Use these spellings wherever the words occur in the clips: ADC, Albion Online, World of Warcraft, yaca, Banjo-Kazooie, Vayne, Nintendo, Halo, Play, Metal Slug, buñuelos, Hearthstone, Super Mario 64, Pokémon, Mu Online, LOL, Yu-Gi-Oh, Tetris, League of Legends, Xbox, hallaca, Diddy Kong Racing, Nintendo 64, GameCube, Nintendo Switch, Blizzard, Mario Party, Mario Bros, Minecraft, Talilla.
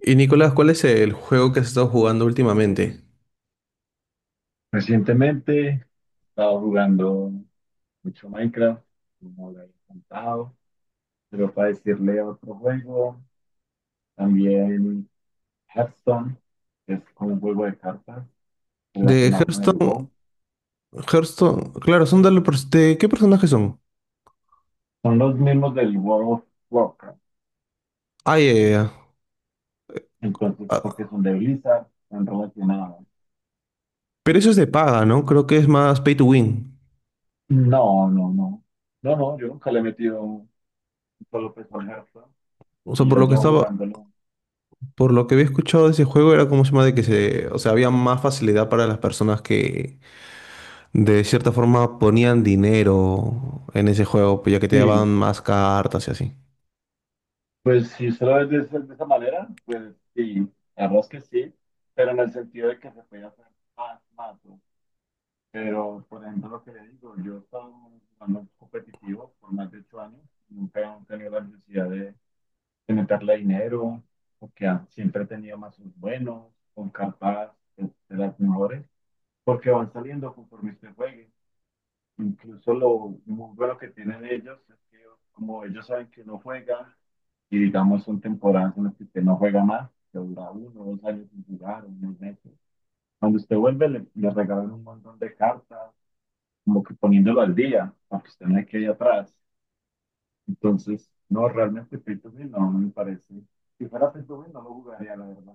Y Nicolás, ¿cuál es el juego que has estado jugando últimamente? Recientemente he estado jugando mucho Minecraft, como lo he contado, pero para decirle otro juego, también Hearthstone, que es como un juego de cartas De relacionado con el Hearthstone, WoW. Hearthstone, claro, son de, ¿qué personajes son? Son los mismos del World of Warcraft, Ah, ya, ya, ya. entonces Ah, porque son de Blizzard, están relacionados. pero eso es de paga, ¿no? Creo que es más pay to win. No, no, no. No, no, yo nunca le he metido un solo peso al Hearthstone O sea, y por yo lo que llevo estaba, jugándolo. por lo que había escuchado de ese juego era, como se llama, de que se, o sea, había más facilidad para las personas que de cierta forma ponían dinero en ese juego, pues, ya que te daban Sí, más cartas y así. pues si usted lo ve de esa manera, pues sí, la verdad es que sí, pero en el sentido de que se puede hacer más, más, ¿no? Pero, por ejemplo, lo que le digo, yo he estado jugando competitivo por más de 8 años, nunca he tenido la necesidad de meterle dinero, porque siempre he tenido mazos buenos, con cartas de, de las mejores, porque van saliendo conforme usted juegue. Incluso lo muy bueno que tienen ellos es que como ellos saben que uno juega, y digamos son temporadas en las que usted no juega más, que dura uno, o 2 años sin jugar, unos meses. Cuando usted vuelve, le regalan un montón de cartas, como que poniéndolo al día, para que usted no quede atrás. Entonces, no, realmente free to play no me parece. Si fuera free to play, no lo jugaría, la verdad.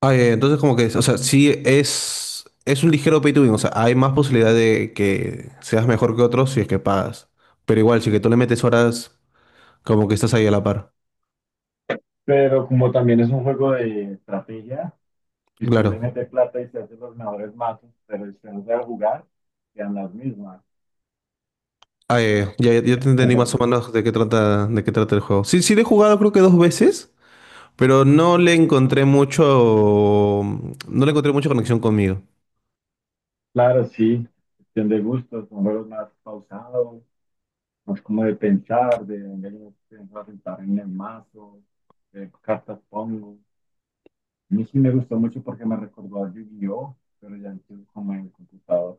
Ah, entonces como que, o sea, sí es un ligero pay to win, o sea, hay más posibilidad de que seas mejor que otros si es que pagas. Pero igual, si que tú le metes horas, como que estás ahí a la par. Pero como también es un juego de estrategia, si usted le Claro. mete plata y se hace los mejores mazos, pero si usted no sabe jugar, quedan las mismas. Ah, ya, ya, ya te entendí más o menos de qué trata el juego. Sí, sí le he jugado creo que dos veces, pero no le encontré mucho, no le encontré mucha conexión conmigo. Claro, sí, cuestión de gustos, son juegos más pausados, más como de pensar, de venir a sentar en el mazo, de cartas pongo. A mí sí me gustó mucho porque me recordó a Yu-Gi-Oh, pero ya entonces como en el computador.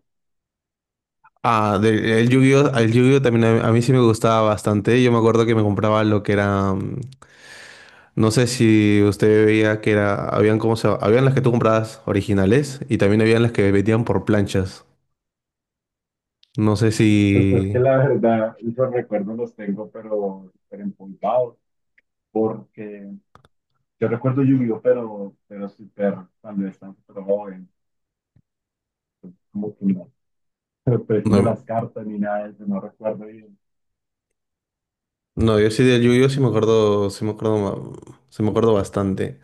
Ah, del el Yu-Gi-Oh también a mí sí me gustaba bastante. Yo me acuerdo que me compraba lo que era. No sé si usted veía que era, habían, habían las que tú comprabas originales y también habían las que vendían por planchas. No sé si Pues es que la verdad, esos recuerdos los tengo, pero súper empolvados, porque yo recuerdo Yu-Gi-Oh, pero súper, cuando estaba súper joven, como que no, los precios de las no, cartas ni nada de eso, no recuerdo bien. no. Yo sí del Yu-Gi-Oh sí me acuerdo, sí me acuerdo, sí me acuerdo bastante.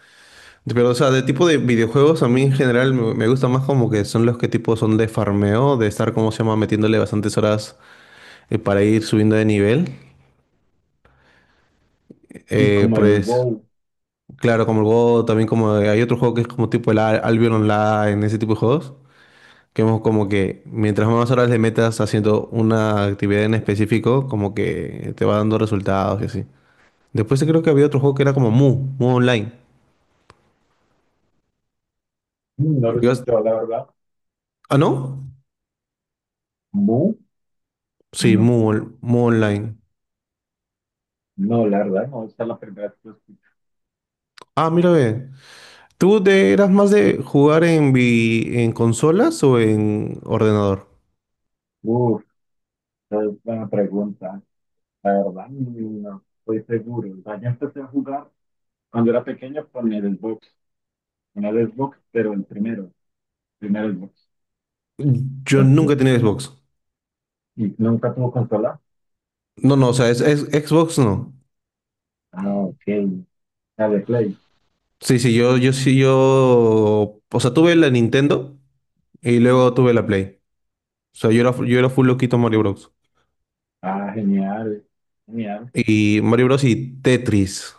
Pero o sea, de tipo de videojuegos a mí en general me gusta más como que son los que tipo son de farmeo, de estar, como se llama, metiéndole bastantes horas, para ir subiendo de nivel. Sí, Eh, como el pues WoW. claro, como el Go, también como hay otro juego que es como tipo el Albion Online, ese tipo de juegos. Que hemos como que mientras más horas le metas haciendo una actividad en específico, como que te va dando resultados y así. Después creo que había otro juego que era como Mu, Mu Online. No lo he Yo as- escuchado, la verdad. ¿Ah, no? ¿Mu? Sí, No. Mu, Mu Online. No, la verdad, no, esta es la primera vez que lo escucho. Ah, mira, ve. ¿Tú te eras más de jugar en, en consolas o en ordenador? Uf, esa es buena pregunta. La verdad, no estoy seguro. O sea, yo empecé a jugar cuando era pequeño con el Xbox, pero el primer Xbox. Yo Entonces, nunca he tenido Xbox. ¿y nunca tuvo consola? No, no, o sea, Xbox no. Ok, la de Play. Sí, sí, yo. O sea, tuve la Nintendo y luego tuve la Play. O sea, yo era full loquito en Mario Bros. Genial, genial. Y Mario Bros. Y Tetris.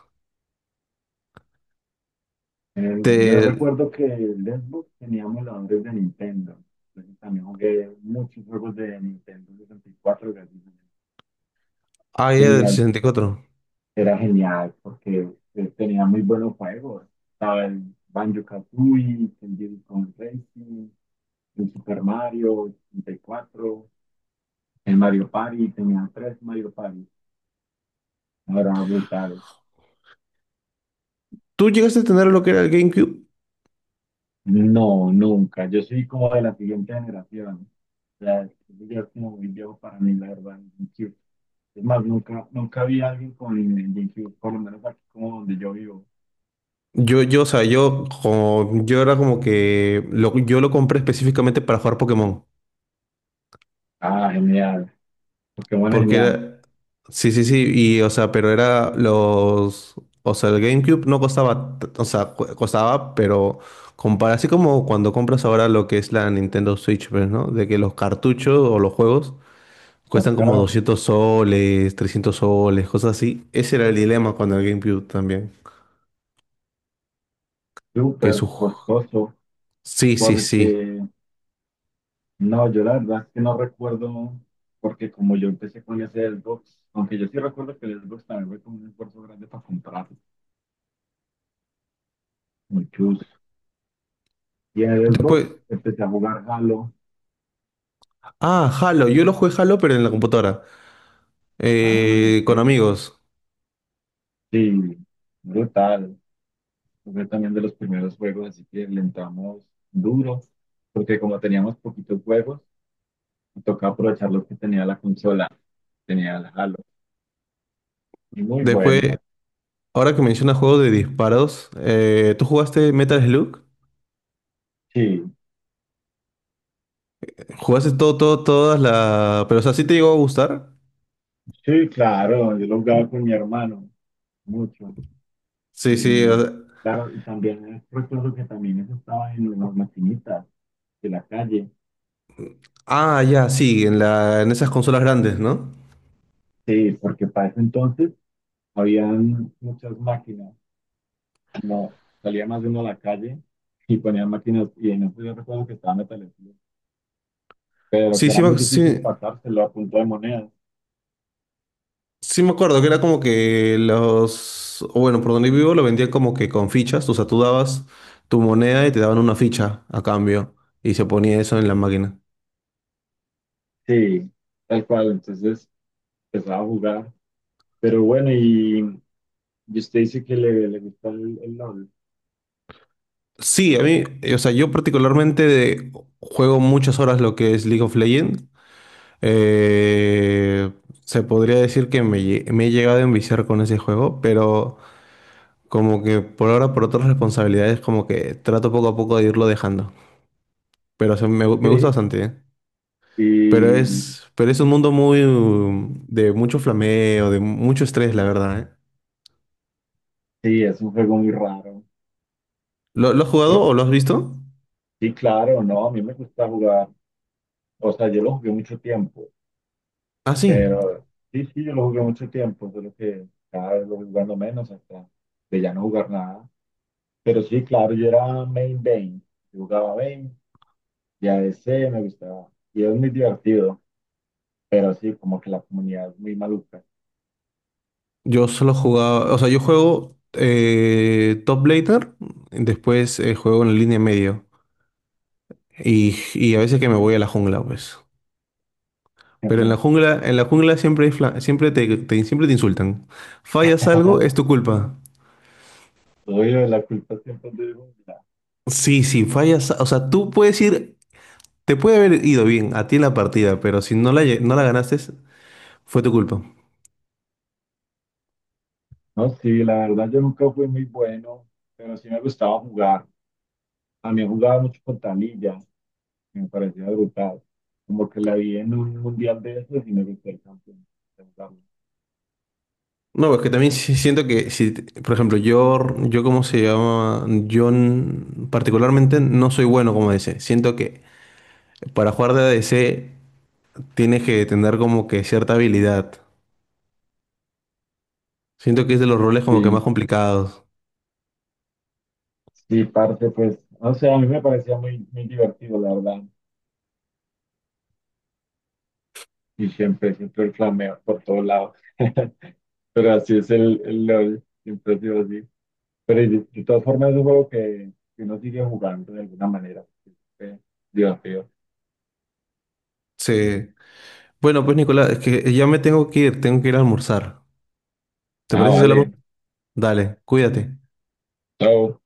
Yo Te... recuerdo que el Xbox tenía emuladores de Nintendo. Entonces, también jugué muchos juegos de Nintendo 64, gracias a Dios. Ah, era del Tenía 64. Era genial porque tenía muy buenos juegos. Estaba el Banjo-Kazooie, el Diddy Kong Racing, el Super Mario 64, el Mario Party, tenía tres Mario Party. Ahora brutal. ¿Tú llegaste a tener lo que era el GameCube? No, nunca. Yo soy como de la siguiente generación. O sea, yo es como muy viejo para mí, la verdad, el GameCube. Es más, nunca, nunca vi a alguien con el GameCube, por lo menos aquí como donde yo vivo. O sea, yo era como que yo lo compré específicamente para jugar Pokémon. Genial. Pokémon es Porque genial. era. Sí, sí, sí. Y, o sea, pero era los. O sea, el GameCube no costaba. O sea, costaba, pero. Compara, así como cuando compras ahora lo que es la Nintendo Switch, pues, ¿no? De que los cartuchos o los juegos cuestan como Sacaron 200 soles, 300 soles, cosas así. Ese era el dilema con el GameCube también. Que súper su... costoso. Sí, sí, sí. Porque, no, yo la verdad es que no recuerdo, porque como yo empecé con ese Xbox, aunque yo sí recuerdo que el Xbox también fue como un esfuerzo grande para comprarlo, muy chus. Y en el Xbox Después... empecé a jugar Halo. Ah, Halo. Yo lo jugué Halo, pero en la computadora, Ah, ok. con amigos. Sí, brutal. Fue también de los primeros juegos, así que le entramos duro, porque como teníamos poquitos juegos, me tocaba aprovechar lo que tenía la consola, tenía el Halo. Y muy Después, bueno. ahora que mencionas juegos de disparos, ¿tú jugaste Metal Slug? Sí, ¿Jugaste todo, todo, todas las...? Pero, o sea, ¿sí te llegó a gustar? sí, claro, yo lo jugaba con mi hermano, mucho. Sí, sí. Y claro, y también recuerdo que también eso estaba en las maquinitas de la calle. Ah, ya, sí, en esas consolas grandes, ¿no? Sí, porque para ese entonces habían muchas máquinas. No, salía más de uno a la calle y ponían máquinas. Y en eso yo recuerdo que estaba Metal Slug, pero Sí, que era sí, muy difícil sí, pasárselo a punto de monedas. sí me acuerdo que era como que los, o bueno, por donde vivo lo vendían como que con fichas, o sea, tú dabas tu moneda y te daban una ficha a cambio y se ponía eso en la máquina. Sí, tal cual. Entonces empezaba a jugar. Pero bueno, y usted dice que le gusta el LOL. Sí, a mí, o sea, yo particularmente juego muchas horas lo que es League of Legends. Eh, Se podría decir que me he llegado a enviciar con ese juego, pero como que por ahora, por otras responsabilidades, como que trato poco a poco de irlo dejando. Pero o sea, me gusta Sí. bastante, ¿eh? Y Pero es un mundo muy de mucho flameo, de mucho estrés, la verdad, ¿eh? sí, es un juego muy raro. Lo has jugado o lo has visto? Sí, claro, no, a mí me gusta jugar. O sea, yo lo jugué mucho tiempo, Ah, sí. pero sí, sí, yo lo jugué mucho tiempo, solo que cada vez lo voy jugando menos hasta de ya no jugar nada. Pero sí, claro, yo era main Vayne, yo jugaba Vayne y ADC me gustaba. Y es muy divertido, pero sí, como que la comunidad es muy maluca. Yo solo jugaba, o sea, yo juego, top laner, después juego en la línea medio y a veces que me voy a la jungla, pues. Pero en la jungla siempre siempre te insultan. Fallas algo, es tu culpa. Oye, la culpa siempre es de uno. Sí, sí, fallas, o sea, tú puedes ir, te puede haber ido bien a ti en la partida, pero si no la, no la ganaste, fue tu culpa. No, sí, la verdad yo nunca fui muy bueno, pero sí me gustaba jugar. También jugaba mucho con Talilla, me parecía brutal. Como que la vi en un mundial de esos y me gustó el campeón. No, es que también siento que si, por ejemplo, yo, cómo se llama, particularmente no soy bueno como ADC. Siento que para jugar de ADC tienes que tener como que cierta habilidad. Siento que es de los roles como que más Sí, complicados. sí, parte, pues, o sea, a mí me parecía muy, muy divertido, la verdad. Y siempre, siempre el flameo por todos lados. Pero así es el LOL, siempre ha sido así. Pero de todas formas es un juego que uno sigue jugando de alguna manera, porque es divertido. Sí. Bueno, pues Nicolás, es que ya me tengo que ir a almorzar. ¿Te parece si hablamos? Vale. Dale, cuídate. Chao.